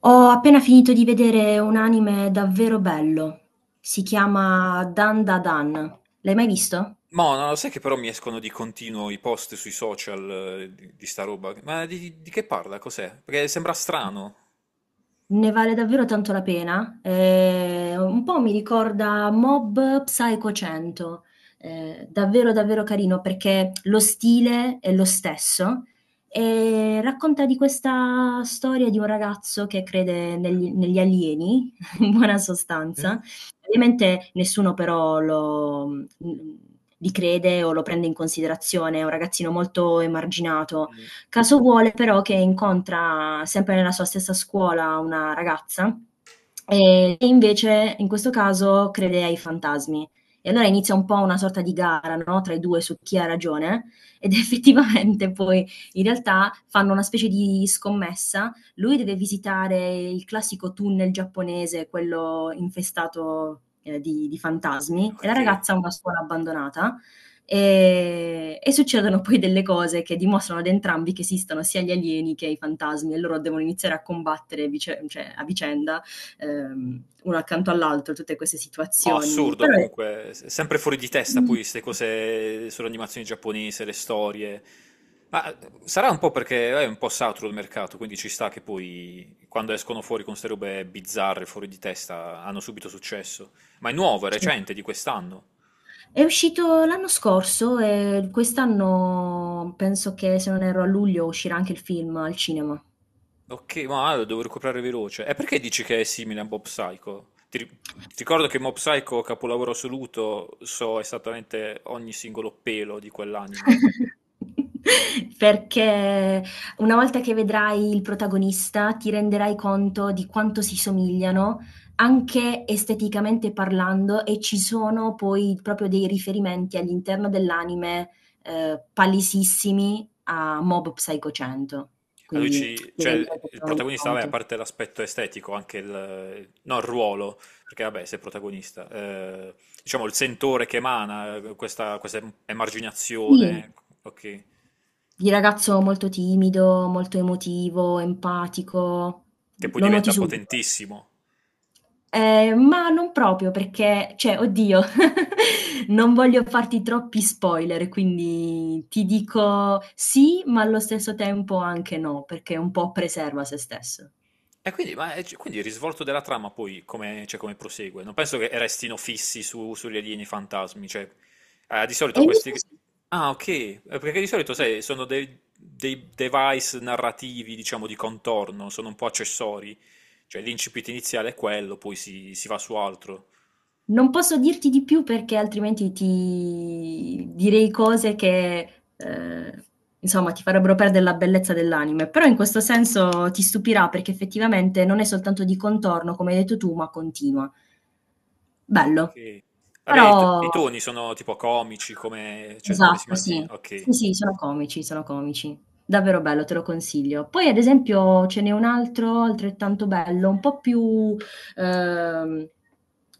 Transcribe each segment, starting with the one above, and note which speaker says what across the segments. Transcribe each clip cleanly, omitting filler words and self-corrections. Speaker 1: Ho appena finito di vedere un anime davvero bello. Si chiama Dandadan. L'hai mai visto?
Speaker 2: Mò, no, no, sai che però mi escono di continuo i post sui social di sta roba? Ma di che parla? Cos'è? Perché sembra strano.
Speaker 1: Ne vale davvero tanto la pena. Un po' mi ricorda Mob Psycho 100. Davvero, davvero carino perché lo stile è lo stesso e racconta di questa storia di un ragazzo che crede negli alieni, in buona
Speaker 2: Mm?
Speaker 1: sostanza. Ovviamente nessuno però li crede o lo prende in considerazione, è un ragazzino molto emarginato.
Speaker 2: Mm,
Speaker 1: Caso vuole però che incontra sempre nella sua stessa scuola una ragazza e invece in questo caso crede ai fantasmi. E allora inizia un po' una sorta di gara, no, tra i due su chi ha ragione ed effettivamente poi in realtà fanno una specie di scommessa. Lui deve visitare il classico tunnel giapponese, quello infestato, di fantasmi e la
Speaker 2: ok.
Speaker 1: ragazza ha una scuola abbandonata e succedono poi delle cose che dimostrano ad entrambi che esistono sia gli alieni che i fantasmi e loro devono iniziare a combattere cioè, a vicenda, uno accanto all'altro, tutte queste
Speaker 2: No,
Speaker 1: situazioni.
Speaker 2: assurdo
Speaker 1: Però è
Speaker 2: comunque. Sempre fuori di testa poi
Speaker 1: bellissimo.
Speaker 2: queste cose sull'animazione giapponese, le storie. Ma sarà un po' perché è un po' saturo il mercato, quindi ci sta che poi quando escono fuori con queste robe bizzarre, fuori di testa, hanno subito successo. Ma è nuovo, è
Speaker 1: Cioè,
Speaker 2: recente, di quest'anno.
Speaker 1: è uscito l'anno scorso e quest'anno penso che, se non erro, a luglio uscirà anche il film al cinema.
Speaker 2: Ok, ma lo devo recuperare veloce. E perché dici che è simile a Mob Psycho? Ti ricordo che Mob Psycho, capolavoro assoluto, so esattamente ogni singolo pelo di quell'anime.
Speaker 1: Perché una volta che vedrai il protagonista, ti renderai conto di quanto si somigliano, anche esteticamente parlando, e ci sono poi proprio dei riferimenti all'interno dell'anime, palesissimi a Mob Psycho 100.
Speaker 2: A lui
Speaker 1: Quindi
Speaker 2: ci,
Speaker 1: ti
Speaker 2: cioè,
Speaker 1: renderai
Speaker 2: il
Speaker 1: totalmente
Speaker 2: protagonista, vabbè, a
Speaker 1: conto.
Speaker 2: parte l'aspetto estetico, anche il, no, il ruolo, perché vabbè, sei protagonista, diciamo il sentore che emana, questa
Speaker 1: Sì,
Speaker 2: emarginazione, ok,
Speaker 1: di ragazzo molto timido, molto emotivo, empatico,
Speaker 2: che
Speaker 1: l
Speaker 2: poi
Speaker 1: lo noti
Speaker 2: diventa
Speaker 1: subito.
Speaker 2: potentissimo.
Speaker 1: Ma non proprio perché cioè oddio, non voglio farti troppi spoiler, quindi ti dico sì, ma allo stesso tempo anche no, perché un po' preserva se stesso.
Speaker 2: E quindi, ma, quindi il risvolto della trama poi come, cioè, come prosegue? Non penso che restino fissi sugli alieni fantasmi, cioè, di
Speaker 1: E
Speaker 2: solito
Speaker 1: invece
Speaker 2: questi...
Speaker 1: sì,
Speaker 2: Ah, ok, perché di solito, sai, sono dei device narrativi, diciamo, di contorno, sono un po' accessori, cioè l'incipit iniziale è quello, poi si va su altro.
Speaker 1: non posso dirti di più perché altrimenti ti direi cose che, insomma ti farebbero perdere la bellezza dell'anime, però in questo senso ti stupirà perché effettivamente non è soltanto di contorno, come hai detto tu, ma continua. Bello.
Speaker 2: Ok. Vabbè, i
Speaker 1: Però.
Speaker 2: toni sono tipo comici, come, cioè, come si
Speaker 1: Esatto,
Speaker 2: mantiene...
Speaker 1: sì. Sì,
Speaker 2: Ok.
Speaker 1: sì, sono comici, sono comici. Davvero bello, te lo consiglio. Poi ad esempio ce n'è un altro altrettanto bello, ehm,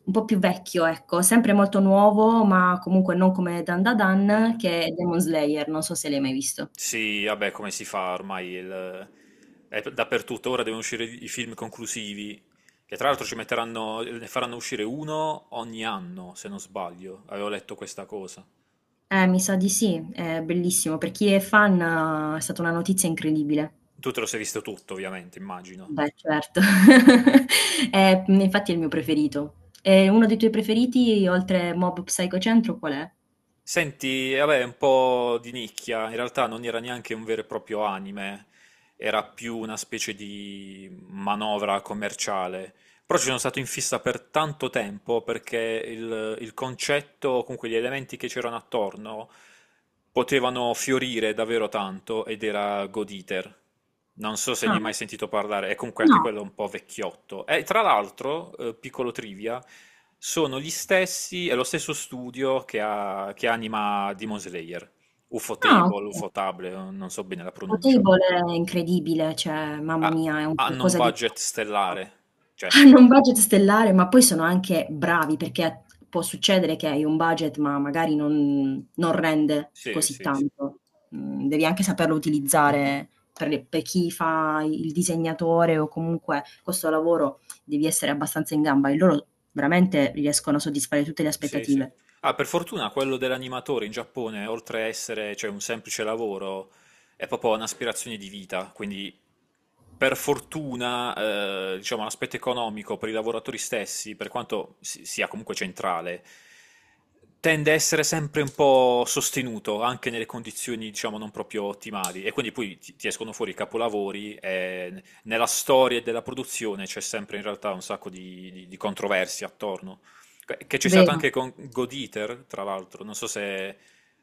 Speaker 1: un po' più vecchio, ecco, sempre molto nuovo, ma comunque non come Dan Da
Speaker 2: Mm.
Speaker 1: Dan, che è Demon Slayer, non so se l'hai mai visto.
Speaker 2: Sì, vabbè, come si fa ormai? È dappertutto. Ora devono uscire i film conclusivi, che tra l'altro ci metteranno, ne faranno uscire uno ogni anno, se non sbaglio. Avevo letto questa cosa.
Speaker 1: Mi sa di sì, è bellissimo. Per chi è fan è stata una notizia incredibile.
Speaker 2: Tu te lo sei visto tutto, ovviamente, immagino.
Speaker 1: Beh, certo. Infatti è il mio preferito. E uno dei tuoi preferiti oltre Mob Psycho 100 qual è?
Speaker 2: Senti, vabbè, è un po' di nicchia. In realtà non era neanche un vero e proprio anime, era più una specie di manovra commerciale. Però ci sono stato in fissa per tanto tempo perché il concetto, o comunque gli elementi che c'erano attorno, potevano fiorire davvero tanto ed era God Eater. Non so se ne
Speaker 1: Ah.
Speaker 2: hai mai sentito parlare, è comunque anche
Speaker 1: No.
Speaker 2: quello un po' vecchiotto. E tra l'altro, piccolo trivia, sono gli stessi, è lo stesso studio che anima Demon Slayer, UFO
Speaker 1: Ah,
Speaker 2: Table,
Speaker 1: okay.
Speaker 2: UFO Table, non so bene la pronuncia.
Speaker 1: Potable è incredibile, cioè mamma
Speaker 2: Ah,
Speaker 1: mia, è un
Speaker 2: hanno un
Speaker 1: qualcosa di
Speaker 2: budget
Speaker 1: pazzesco.
Speaker 2: stellare, cioè,
Speaker 1: Hanno un budget stellare, ma poi sono anche bravi, perché può succedere che hai un budget, ma magari non rende
Speaker 2: sì,
Speaker 1: così
Speaker 2: sì, sì.
Speaker 1: tanto. Devi anche saperlo utilizzare per chi fa il disegnatore o comunque questo lavoro devi essere abbastanza in gamba e loro veramente riescono a soddisfare tutte le
Speaker 2: Sì, sì.
Speaker 1: aspettative.
Speaker 2: Ah, per fortuna quello dell'animatore in Giappone, oltre a essere, cioè, un semplice lavoro, è proprio un'aspirazione di vita. Quindi, per fortuna, diciamo, l'aspetto economico per i lavoratori stessi, per quanto sia comunque centrale, tende a essere sempre un po' sostenuto, anche nelle condizioni, diciamo, non proprio ottimali. E quindi poi ti escono fuori i capolavori e nella storia della produzione c'è sempre in realtà un sacco di controversie attorno. Che c'è stato
Speaker 1: Vero.
Speaker 2: anche con God Eater, tra l'altro. Non so se...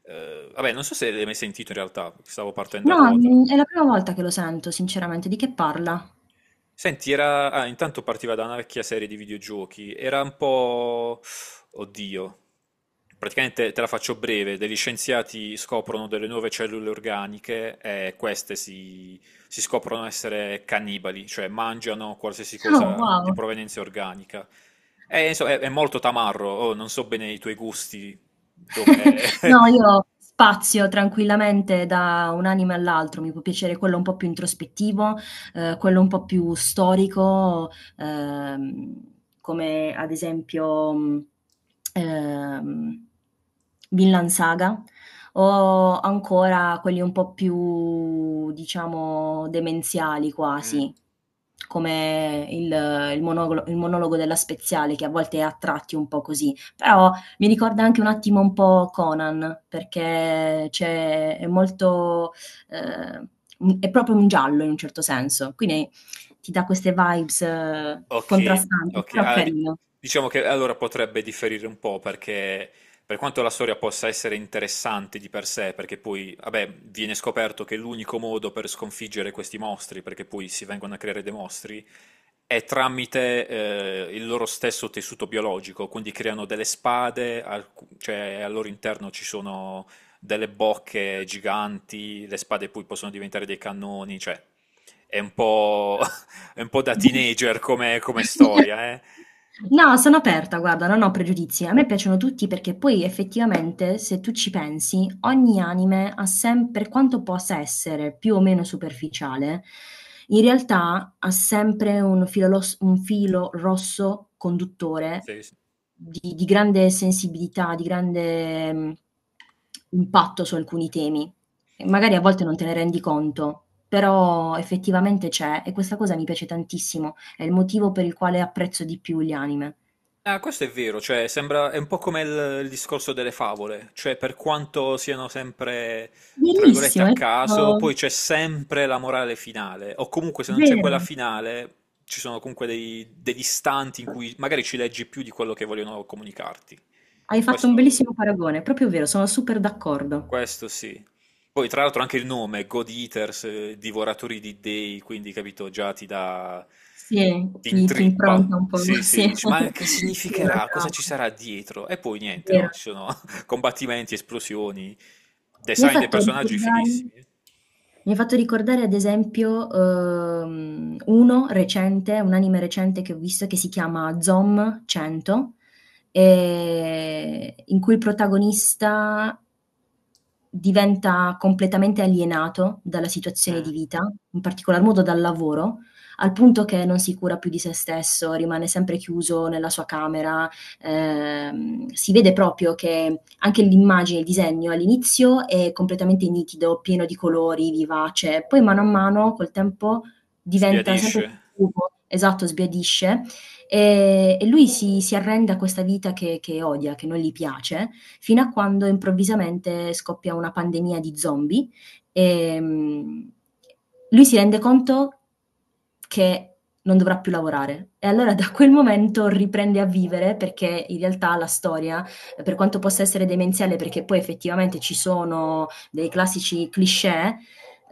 Speaker 2: vabbè, non so se l'hai mai sentito in realtà, stavo partendo a
Speaker 1: No,
Speaker 2: ruota.
Speaker 1: è la prima volta che lo sento sinceramente. Di che parla?
Speaker 2: Senti, era... ah, intanto partiva da una vecchia serie di videogiochi, era un po'... Oddio, praticamente te la faccio breve, degli scienziati scoprono delle nuove cellule organiche e queste si scoprono essere cannibali, cioè mangiano qualsiasi
Speaker 1: Oh,
Speaker 2: cosa di
Speaker 1: wow.
Speaker 2: provenienza organica. E, insomma, è molto tamarro, oh, non so bene i tuoi gusti, dove...
Speaker 1: No, io spazio tranquillamente da un anime all'altro. Mi può piacere quello un po' più introspettivo, quello un po' più storico, uhm, come ad esempio, ehm, Vinland Saga, o ancora quelli un po' più, diciamo, demenziali quasi, come il monologo della Speziale, che a volte è a tratti un po' così, però mi ricorda anche un attimo un po' Conan, perché c'è è molto ehm, è proprio un giallo in un certo senso, quindi ti dà queste vibes
Speaker 2: Ok,
Speaker 1: contrastanti,
Speaker 2: ok.
Speaker 1: però carino.
Speaker 2: Diciamo che allora potrebbe differire un po' perché per quanto la storia possa essere interessante di per sé, perché poi, vabbè, viene scoperto che l'unico modo per sconfiggere questi mostri, perché poi si vengono a creare dei mostri, è tramite il loro stesso tessuto biologico, quindi creano delle spade, cioè al loro interno ci sono delle bocche giganti, le spade poi possono diventare dei cannoni, cioè è un po', è un po' da teenager come, come storia, eh?
Speaker 1: No, sono aperta, guarda, non ho pregiudizi. A me piacciono tutti perché poi effettivamente, se tu ci pensi, ogni anime ha sempre, per quanto possa essere più o meno superficiale, in realtà ha sempre un filo rosso conduttore
Speaker 2: Sì, sì.
Speaker 1: di grande sensibilità, di grande impatto su alcuni temi. E magari a volte non te ne rendi conto, però effettivamente c'è e questa cosa mi piace tantissimo. È il motivo per il quale apprezzo di più gli anime.
Speaker 2: Ah, questo è vero, cioè sembra, è un po' come il discorso delle favole, cioè per quanto siano sempre, tra virgolette,
Speaker 1: Verissimo,
Speaker 2: a
Speaker 1: hai
Speaker 2: caso,
Speaker 1: fatto
Speaker 2: poi c'è sempre la morale finale, o comunque se non c'è quella
Speaker 1: vero.
Speaker 2: finale, ci sono comunque degli istanti in cui magari ci leggi più di quello che vogliono comunicarti.
Speaker 1: Hai fatto un
Speaker 2: Questo...
Speaker 1: bellissimo paragone, è proprio vero, sono super d'accordo.
Speaker 2: Questo sì. Poi tra l'altro anche il nome, God Eaters, divoratori di dei, quindi capito, già ti dà,
Speaker 1: Sì,
Speaker 2: ti
Speaker 1: ti
Speaker 2: intrippa.
Speaker 1: impronta un po'
Speaker 2: Sì,
Speaker 1: sì,
Speaker 2: sì, dici, ma che
Speaker 1: sì una
Speaker 2: significherà? Cosa ci
Speaker 1: trama,
Speaker 2: sarà dietro? E poi niente, no,
Speaker 1: vero.
Speaker 2: ci sono combattimenti, esplosioni,
Speaker 1: Mi hai
Speaker 2: design dei
Speaker 1: fatto
Speaker 2: personaggi
Speaker 1: ricordare
Speaker 2: fighissimi. Eh.
Speaker 1: mi hai fatto ricordare ad esempio, uno recente, un anime recente che ho visto che si chiama Zom 100, in cui il protagonista diventa completamente alienato dalla situazione di
Speaker 2: Mm.
Speaker 1: vita, in particolar modo dal lavoro, al punto che non si cura più di se stesso, rimane sempre chiuso nella sua camera, si vede proprio che anche l'immagine, il disegno all'inizio è completamente nitido, pieno di colori, vivace, poi mano a mano col tempo diventa
Speaker 2: Sbiadisce.
Speaker 1: sempre più cupo. Esatto, sbiadisce, e lui si arrende a questa vita che odia, che non gli piace fino a quando improvvisamente scoppia una pandemia di zombie e lui si rende conto che non dovrà più lavorare. E allora da quel momento riprende a vivere perché in realtà la storia, per quanto possa essere demenziale, perché poi effettivamente ci sono dei classici cliché,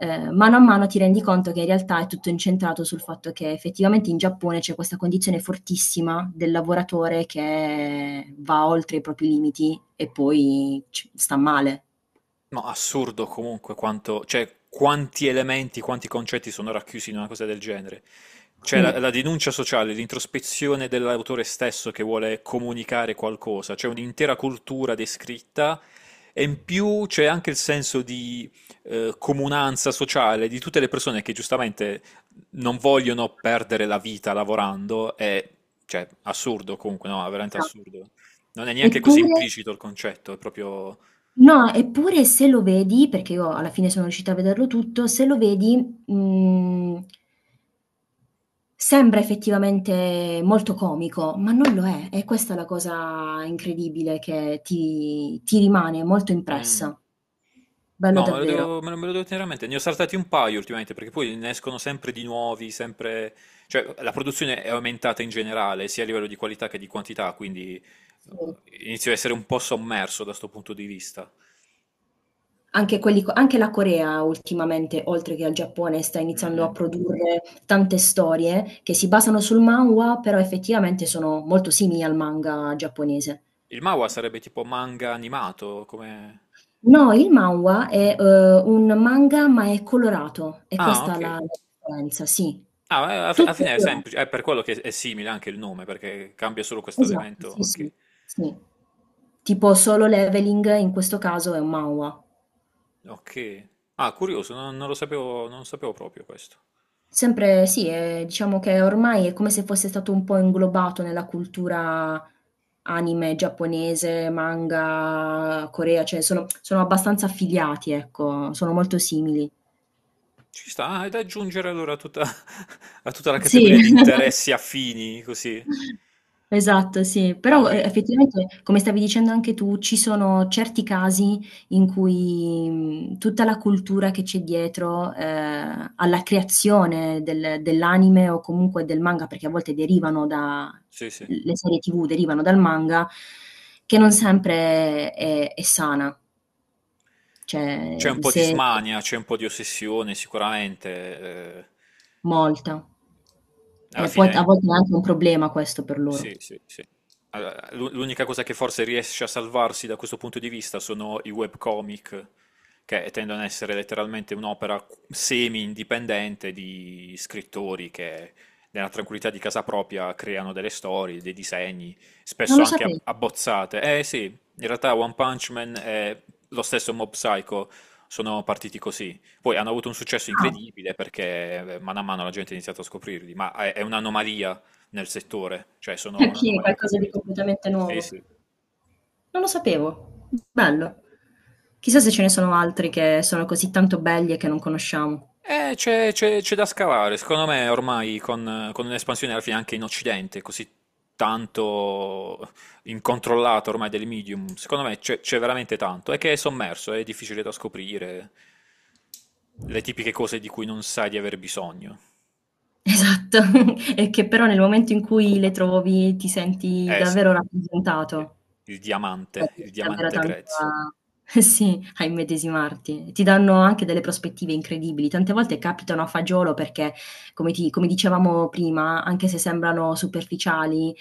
Speaker 1: mano a mano ti rendi conto che in realtà è tutto incentrato sul fatto che effettivamente in Giappone c'è questa condizione fortissima del lavoratore che va oltre i propri limiti e poi sta male.
Speaker 2: No, assurdo comunque quanto, cioè, quanti elementi, quanti concetti sono racchiusi in una cosa del genere. C'è
Speaker 1: Sì,
Speaker 2: la denuncia sociale, l'introspezione dell'autore stesso che vuole comunicare qualcosa, c'è un'intera cultura descritta e in più c'è anche il senso di comunanza sociale di tutte le persone che giustamente non vogliono perdere la vita lavorando, è cioè, assurdo comunque, no, è veramente
Speaker 1: esatto.
Speaker 2: assurdo. Non è neanche così
Speaker 1: Eppure
Speaker 2: implicito il concetto, è proprio...
Speaker 1: no, eppure se lo vedi, perché io alla fine sono riuscita a vederlo tutto, se lo vedi, mhmm sembra effettivamente molto comico, ma non lo è. È questa è la cosa incredibile che ti rimane molto
Speaker 2: Mm.
Speaker 1: impressa. Bello
Speaker 2: No,
Speaker 1: davvero.
Speaker 2: me lo devo tenere a mente. Ne ho saltati un paio ultimamente perché poi ne escono sempre di nuovi, sempre... Cioè, la produzione è aumentata in generale, sia a livello di qualità che di quantità, quindi
Speaker 1: Sì.
Speaker 2: inizio a essere un po' sommerso da sto punto di vista.
Speaker 1: Anche quelli co anche la Corea ultimamente, oltre che al Giappone, sta
Speaker 2: Mm,
Speaker 1: iniziando a
Speaker 2: mm.
Speaker 1: produrre tante storie che si basano sul manhwa, però effettivamente sono molto simili al manga giapponese.
Speaker 2: Il manhwa sarebbe tipo manga animato, come...
Speaker 1: No, il manhwa è, un manga, ma è colorato. È
Speaker 2: Ah,
Speaker 1: questa è
Speaker 2: ok.
Speaker 1: la differenza, sì.
Speaker 2: Ah, alla
Speaker 1: Tutto
Speaker 2: fine è
Speaker 1: colora
Speaker 2: semplice, è per quello che è simile anche il nome, perché cambia solo questo
Speaker 1: Esatto,
Speaker 2: elemento.
Speaker 1: sì, sì,
Speaker 2: Ok.
Speaker 1: sì. Tipo Solo Leveling in questo caso è un manhwa.
Speaker 2: Ok. Ah, curioso, non lo sapevo, non sapevo proprio questo.
Speaker 1: Sempre sì, diciamo che ormai è come se fosse stato un po' inglobato nella cultura anime giapponese, manga, Corea, cioè sono abbastanza affiliati, ecco, sono molto simili.
Speaker 2: Ci sta, ah, è da aggiungere allora a tutta, a tutta la
Speaker 1: Sì.
Speaker 2: categoria di interessi affini, così,
Speaker 1: Esatto, sì. Però,
Speaker 2: almeno.
Speaker 1: effettivamente, come stavi dicendo anche tu, ci sono certi casi in cui, tutta la cultura che c'è dietro, alla creazione dell'anime o comunque del manga, perché a volte derivano da
Speaker 2: Sì, sì.
Speaker 1: l le serie TV derivano dal manga, che non sempre è sana,
Speaker 2: C'è
Speaker 1: cioè
Speaker 2: un po' di
Speaker 1: se
Speaker 2: smania, c'è un po' di ossessione, sicuramente. Eh,
Speaker 1: molta. E
Speaker 2: alla
Speaker 1: poi t
Speaker 2: fine.
Speaker 1: a volte è anche un problema questo per
Speaker 2: Sì,
Speaker 1: loro.
Speaker 2: sì, sì. Allora, l'unica cosa che forse riesce a salvarsi da questo punto di vista sono i webcomic, che tendono ad essere letteralmente un'opera semi-indipendente di scrittori che nella tranquillità di casa propria creano delle storie, dei disegni,
Speaker 1: Non
Speaker 2: spesso
Speaker 1: lo
Speaker 2: anche
Speaker 1: sapevo.
Speaker 2: abbozzate. Eh sì, in realtà One Punch Man e lo stesso Mob Psycho sono partiti così. Poi hanno avuto un successo
Speaker 1: Ah.
Speaker 2: incredibile perché mano a mano la gente ha iniziato a scoprirli, ma è un'anomalia nel settore, cioè sono
Speaker 1: Okay,
Speaker 2: un'anomalia
Speaker 1: qualcosa di
Speaker 2: completa.
Speaker 1: completamente
Speaker 2: Sì,
Speaker 1: nuovo.
Speaker 2: sì.
Speaker 1: Non lo sapevo. Bello. Chissà se ce ne sono altri che sono così tanto belli e che non conosciamo.
Speaker 2: C'è da scavare, secondo me ormai con un'espansione alla fine anche in Occidente, così tanto incontrollata ormai del medium, secondo me c'è veramente tanto, è che è sommerso, è difficile da scoprire, le tipiche cose di cui non sai di aver bisogno.
Speaker 1: Esatto, e che però nel momento in cui le trovi ti senti
Speaker 2: Eh sì,
Speaker 1: davvero
Speaker 2: sì.
Speaker 1: rappresentato.
Speaker 2: Il
Speaker 1: Cioè
Speaker 2: diamante, il
Speaker 1: riesci davvero
Speaker 2: diamante
Speaker 1: tanto
Speaker 2: grezzo.
Speaker 1: a eh sì, a immedesimarti. Ti danno anche delle prospettive incredibili. Tante volte capitano a fagiolo perché, come ti come dicevamo prima, anche se sembrano superficiali,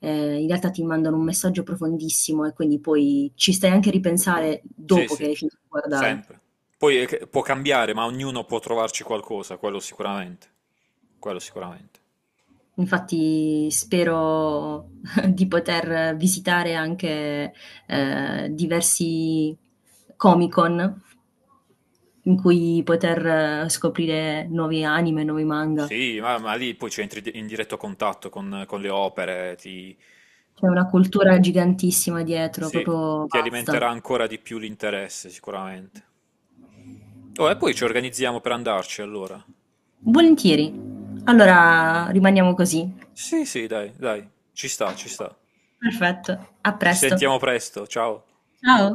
Speaker 1: in realtà ti mandano un messaggio profondissimo e quindi poi ci stai anche a ripensare
Speaker 2: Sì,
Speaker 1: dopo che
Speaker 2: sì,
Speaker 1: hai finito di guardare.
Speaker 2: sempre. Poi può cambiare, ma ognuno può trovarci qualcosa, quello sicuramente. Quello sicuramente.
Speaker 1: Infatti spero di poter visitare anche, diversi Comic-Con in cui poter scoprire nuovi anime, nuovi manga.
Speaker 2: Sì, ma lì poi ci entri in diretto contatto con le opere, ti,
Speaker 1: C'è una cultura gigantissima dietro,
Speaker 2: sì,
Speaker 1: proprio
Speaker 2: ti
Speaker 1: vasta.
Speaker 2: alimenterà ancora di più l'interesse, sicuramente. Oh, e poi ci organizziamo per andarci, allora.
Speaker 1: Volentieri. Allora rimaniamo così.
Speaker 2: Sì, sì, dai, dai, ci sta, ci sta.
Speaker 1: Perfetto, a
Speaker 2: Ci
Speaker 1: presto.
Speaker 2: sentiamo presto, ciao.
Speaker 1: Ciao.